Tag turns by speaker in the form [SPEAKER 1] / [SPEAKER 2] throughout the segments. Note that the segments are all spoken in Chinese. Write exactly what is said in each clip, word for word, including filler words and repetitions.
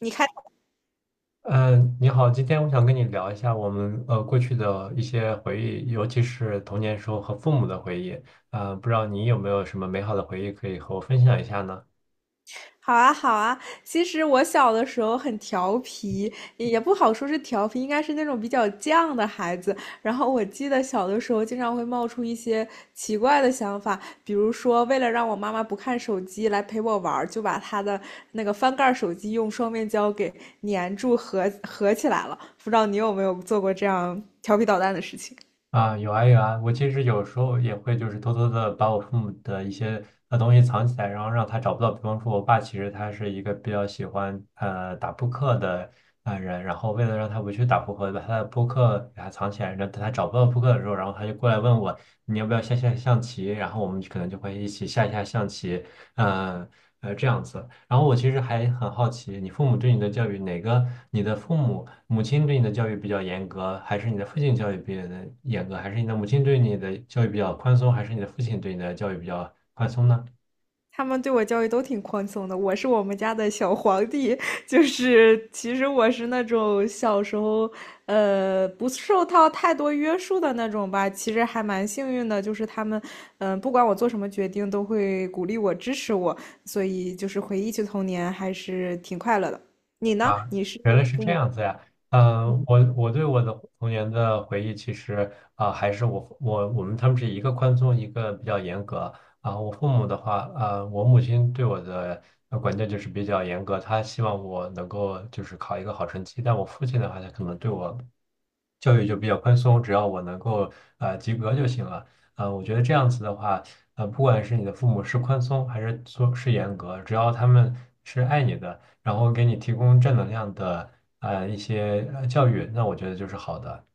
[SPEAKER 1] 你看，
[SPEAKER 2] 嗯，呃你好，今天我想跟你聊一下我们呃过去的一些回忆，尤其是童年时候和父母的回忆。呃，不知道你有没有什么美好的回忆可以和我分享一下呢？
[SPEAKER 1] 好啊，好啊。其实我小的时候很调皮，也不好说是调皮，应该是那种比较犟的孩子。然后我记得小的时候经常会冒出一些奇怪的想法，比如说为了让我妈妈不看手机来陪我玩儿就把她的那个翻盖儿手机用双面胶给粘住合合起来了。不知道你有没有做过这样调皮捣蛋的事情？
[SPEAKER 2] 啊，有啊有啊，我其实有时候也会就是偷偷的把我父母的一些呃东西藏起来，然后让他找不到。比方说，我爸其实他是一个比较喜欢呃打扑克的呃人，然后为了让他不去打扑克，把他的扑克给他藏起来，然后等他找不到扑克的时候，然后他就过来问我你要不要下下象棋，然后我们可能就会一起下一下象棋，呃呃这样子。然后我其实还很好奇，你父母对你的教育，哪个你的父母？母亲对你的教育比较严格，还是你的父亲教育比较的严格，还是你的母亲对你的教育比较宽松，还是你的父亲对你的教育比较宽松呢？
[SPEAKER 1] 他们对我教育都挺宽松的，我是我们家的小皇帝，就是其实我是那种小时候，呃，不受到太多约束的那种吧。其实还蛮幸运的，就是他们，嗯、呃不管我做什么决定，都会鼓励我、支持我，所以就是回忆起童年还是挺快乐的。你呢？
[SPEAKER 2] 啊，
[SPEAKER 1] 你是
[SPEAKER 2] 原来是
[SPEAKER 1] 父
[SPEAKER 2] 这
[SPEAKER 1] 母
[SPEAKER 2] 样子呀。嗯、我我对我的童年的回忆，其实啊、还是我我我们他们是一个宽松，一个比较严格啊、我父母的话，呃，我母亲对我的呃管教就是比较严格，她希望我能够就是考一个好成绩。但我父亲的话，他可能对我教育就比较宽松，只要我能够呃及格就行了。呃，我觉得这样子的话，呃，不管是你的父母是宽松还是说是严格，只要他们是爱你的。然后给你提供正能量的呃一些呃教育，那我觉得就是好的。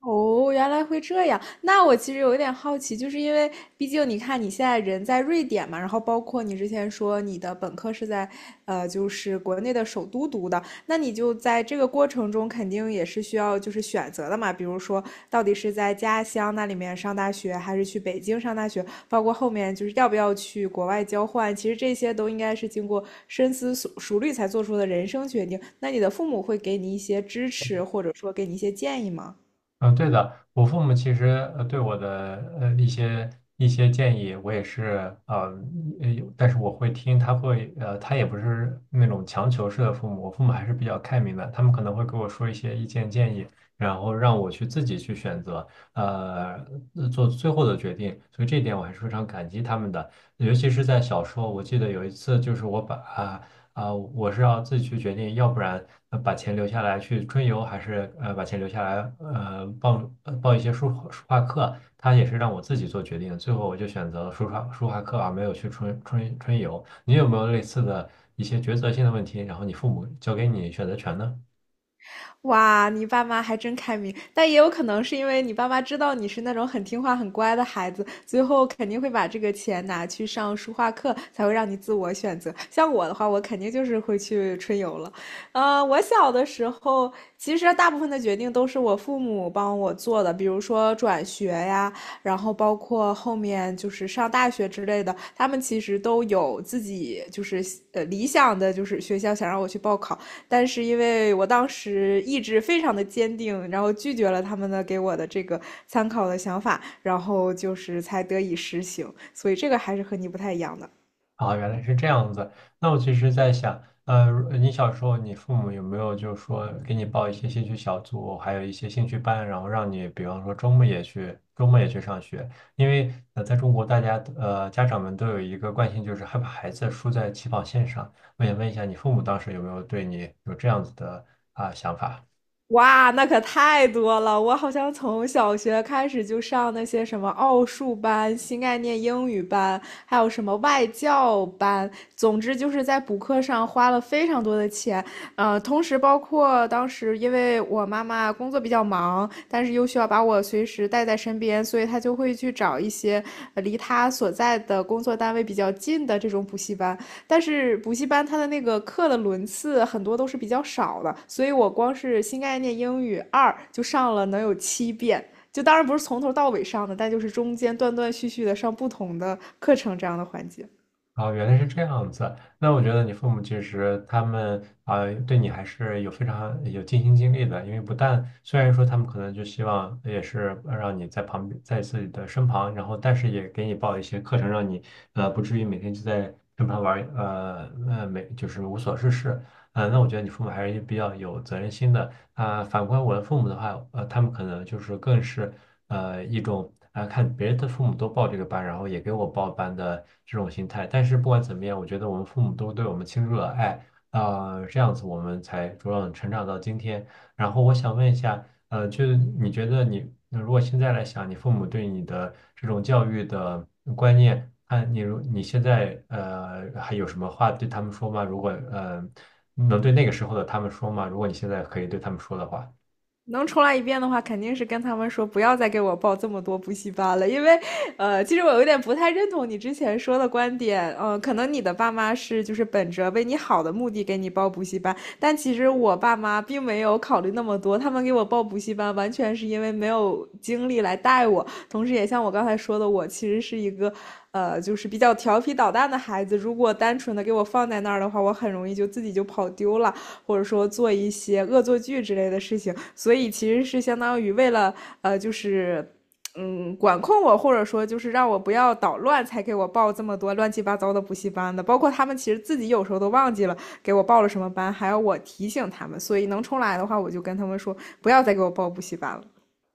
[SPEAKER 1] 哦，原来会这样。那我其实有一点好奇，就是因为毕竟你看你现在人在瑞典嘛，然后包括你之前说你的本科是在，呃，就是国内的首都读的，那你就在这个过程中肯定也是需要就是选择的嘛，比如说到底是在家乡那里面上大学，还是去北京上大学，包括后面就是要不要去国外交换，其实这些都应该是经过深思熟熟虑才做出的人生决定。那你的父母会给你一些支持，或者说给你一些建议吗？
[SPEAKER 2] 嗯，对的，我父母其实呃对我的呃一些一些建议，我也是呃，呃有但是我会听，他会呃，他也不是那种强求式的父母，我父母还是比较开明的，他们可能会给我说一些意见建议，然后让我去自己去选择，呃，呃做最后的决定，所以这一点我还是非常感激他们的，尤其是在小时候，我记得有一次就是我把啊、啊、我是要自己去决定，要不然呃把钱留下来去春游，还是呃把钱留下来呃报呃报一些书书画课，他也是让我自己做决定的最后我就选择了书画书画课而没有去春春春游。你有没有类似的一些抉择性的问题？然后你父母交给你选择权呢？
[SPEAKER 1] 哇，你爸妈还真开明，但也有可能是因为你爸妈知道你是那种很听话、很乖的孩子，最后肯定会把这个钱拿去上书画课，才会让你自我选择。像我的话，我肯定就是会去春游了。呃，我小的时候，其实大部分的决定都是我父母帮我做的，比如说转学呀，然后包括后面就是上大学之类的，他们其实都有自己就是呃理想的，就是学校想让我去报考。但是因为我当时意志非常的坚定，然后拒绝了他们的给我的这个参考的想法，然后就是才得以实行，所以这个还是和你不太一样的。
[SPEAKER 2] 啊，原来是这样子。那我其实在想，呃，如你小时候，你父母有没有就是说给你报一些兴趣小组，还有一些兴趣班，然后让你，比方说周末也去，周末也去上学？因为呃，在中国，大家呃家长们都有一个惯性，就是害怕孩子输在起跑线上。我想问一下，你父母当时有没有对你有这样子的啊、想法？
[SPEAKER 1] 哇，那可太多了！我好像从小学开始就上那些什么奥数班、新概念英语班，还有什么外教班。总之就是在补课上花了非常多的钱，呃，同时包括当时因为我妈妈工作比较忙，但是又需要把我随时带在身边，所以她就会去找一些呃离她所在的工作单位比较近的这种补习班。但是补习班它的那个课的轮次很多都是比较少的，所以我光是新概念英语二就上了能有七遍。就当然不是从头到尾上的，但就是中间断断续续的上不同的课程这样的环节。
[SPEAKER 2] 哦，原来是这样子。那我觉得你父母其实他们啊、呃对你还是有非常有尽心尽力的。因为不但虽然说他们可能就希望也是呃让你在旁边，在自己的身旁，然后但是也给你报一些课程，让你呃不至于每天就在身旁玩儿呃呃没就是无所事事。呃，那我觉得你父母还是比较有责任心的。啊、反观我的父母的话，呃，他们可能就是更是。呃一种啊、看别人的父母都报这个班，然后也给我报班的这种心态。但是不管怎么样，我觉得我们父母都对我们倾注了爱，啊，这样子我们才茁壮成长到今天。然后我想问一下，呃，就是你觉得你那如果现在来想，你父母对你的这种教育的观念，看你如你现在呃还有什么话对他们说吗？如果呃能对那个时候的他们说吗？如果你现在可以对他们说的话。
[SPEAKER 1] 能重来一遍的话，肯定是跟他们说不要再给我报这么多补习班了，因为，呃，其实我有点不太认同你之前说的观点，嗯呃，可能你的爸妈是就是本着为你好的目的给你报补习班，但其实我爸妈并没有考虑那么多，他们给我报补习班完全是因为没有精力来带我，同时也像我刚才说的，我其实是一个。呃，就是比较调皮捣蛋的孩子，如果单纯的给我放在那儿的话，我很容易就自己就跑丢了。或者说做一些恶作剧之类的事情，所以其实是相当于为了呃，就是嗯管控我，或者说就是让我不要捣乱，才给我报这么多乱七八糟的补习班的。包括他们其实自己有时候都忘记了给我报了什么班，还要我提醒他们，所以能重来的话，我就跟他们说不要再给我报补习班了。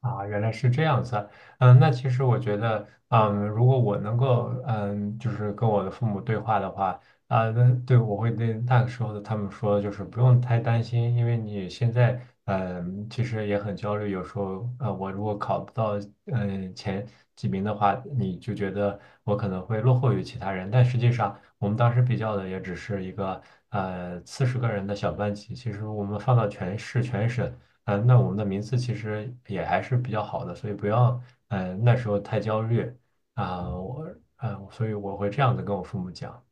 [SPEAKER 2] 啊，原来是这样子啊。嗯，那其实我觉得，嗯，如果我能够，嗯，就是跟我的父母对话的话，啊，那对我会对那个时候的他们说，就是不用太担心，因为你现在，嗯，其实也很焦虑，有时候，呃，我如果考不到，嗯，前几名的话，你就觉得我可能会落后于其他人，但实际上，我们当时比较的也只是一个，呃，四十个人的小班级，其实我们放到全市全省。嗯，呃那我们的名次其实也还是比较好的，所以不要，嗯，那时候太焦虑啊，我，嗯，所以我会这样子跟我父母讲。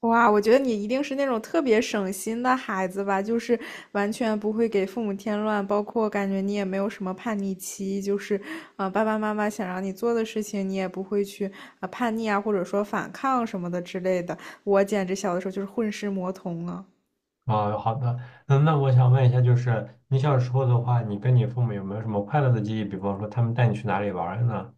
[SPEAKER 1] 哇，我觉得你一定是那种特别省心的孩子吧，就是完全不会给父母添乱，包括感觉你也没有什么叛逆期，就是，呃，爸爸妈妈想让你做的事情，你也不会去呃叛逆啊，或者说反抗什么的之类的。我简直小的时候就是混世魔童啊。
[SPEAKER 2] 啊，好的，嗯，那我想问一下，就是你小时候的话，你跟你父母有没有什么快乐的记忆？比方说，他们带你去哪里玩儿呢？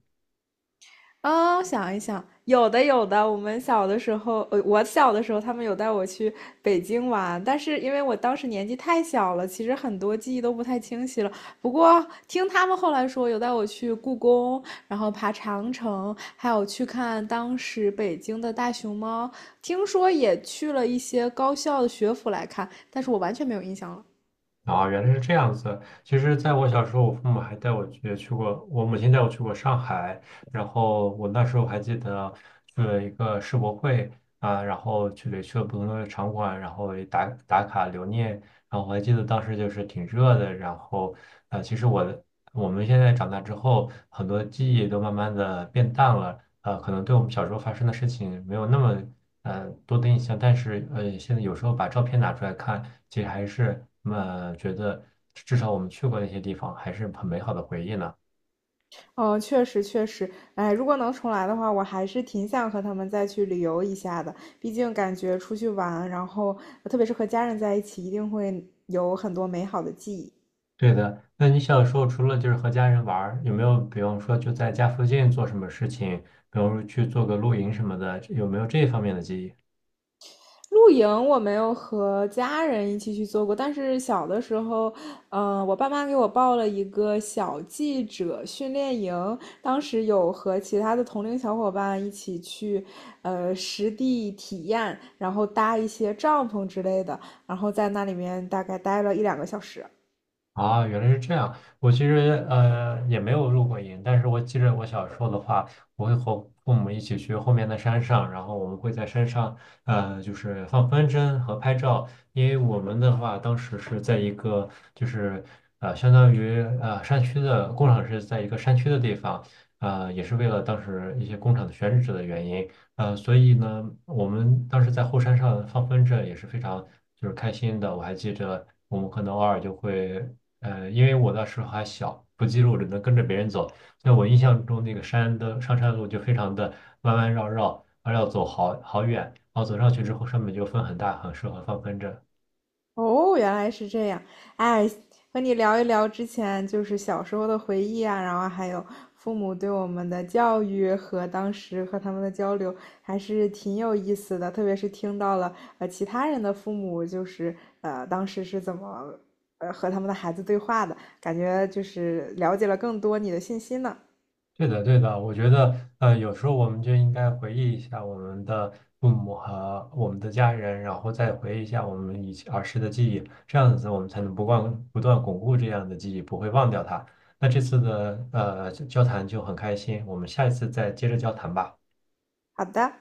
[SPEAKER 1] 啊、想一想，有的有的。我们小的时候，呃，我小的时候，他们有带我去北京玩，但是因为我当时年纪太小了，其实很多记忆都不太清晰了。不过听他们后来说，有带我去故宫，然后爬长城，还有去看当时北京的大熊猫。听说也去了一些高校的学府来看，但是我完全没有印象了。
[SPEAKER 2] 啊，原来是这样子。其实，在我小时候，我父母还带我去去过，我母亲带我去过上海，然后我那时候还记得去了一个世博会啊，然后去了去了不同的场馆，然后也打打卡留念。然后我还记得当时就是挺热的，然后呃，其实我的我们现在长大之后，很多记忆都慢慢的变淡了，呃，可能对我们小时候发生的事情没有那么呃多的印象，但是呃，现在有时候把照片拿出来看，其实还是呃觉得至少我们去过那些地方，还是很美好的回忆呢。
[SPEAKER 1] 嗯，确实确实，哎，如果能重来的话，我还是挺想和他们再去旅游一下的。毕竟感觉出去玩，然后呃特别是和家人在一起，一定会有很多美好的记忆。
[SPEAKER 2] 对的，那你小时候除了就是和家人玩儿，有没有比方说就在家附近做什么事情，比方说去做个露营什么的，有没有这方面的记忆？
[SPEAKER 1] 露营我没有和家人一起去做过，但是小的时候，嗯、呃我爸妈给我报了一个小记者训练营，当时有和其他的同龄小伙伴一起去，呃，实地体验，然后搭一些帐篷之类的，然后在那里面大概待了一两个小时。
[SPEAKER 2] 啊，原来是这样。我其实呃也没有入过营，但是我记着我小时候的话，我会和父母一起去后面的山上，然后我们会在山上呃就是放风筝和拍照，因为我们的话当时是在一个就是呃相当于呃山区的工厂是在一个山区的地方，呃也是为了当时一些工厂的选址的原因，呃所以呢我们当时在后山上放风筝也是非常就是开心的，我还记着。我们可能偶尔就会呃，因为我那时候还小，不记录，只能跟着别人走。在我印象中，那个山的上山路就非常的弯弯绕绕，还要走好好远。然后走上去之后，上面就风很大，很适合放风筝。
[SPEAKER 1] 哦，原来是这样。哎，和你聊一聊之前就是小时候的回忆啊，然后还有父母对我们的教育和当时和他们的交流，还是挺有意思的。特别是听到了呃其他人的父母就是呃当时是怎么呃和他们的孩子对话的，感觉就是了解了更多你的信息呢。
[SPEAKER 2] 对的，对的，我觉得，呃，有时候我们就应该回忆一下我们的父母和我们的家人，然后再回忆一下我们以前儿时的记忆，这样子我们才能不忘不断巩固这样的记忆，不会忘掉它。那这次的呃交谈就很开心，我们下一次再接着交谈吧。
[SPEAKER 1] 好的。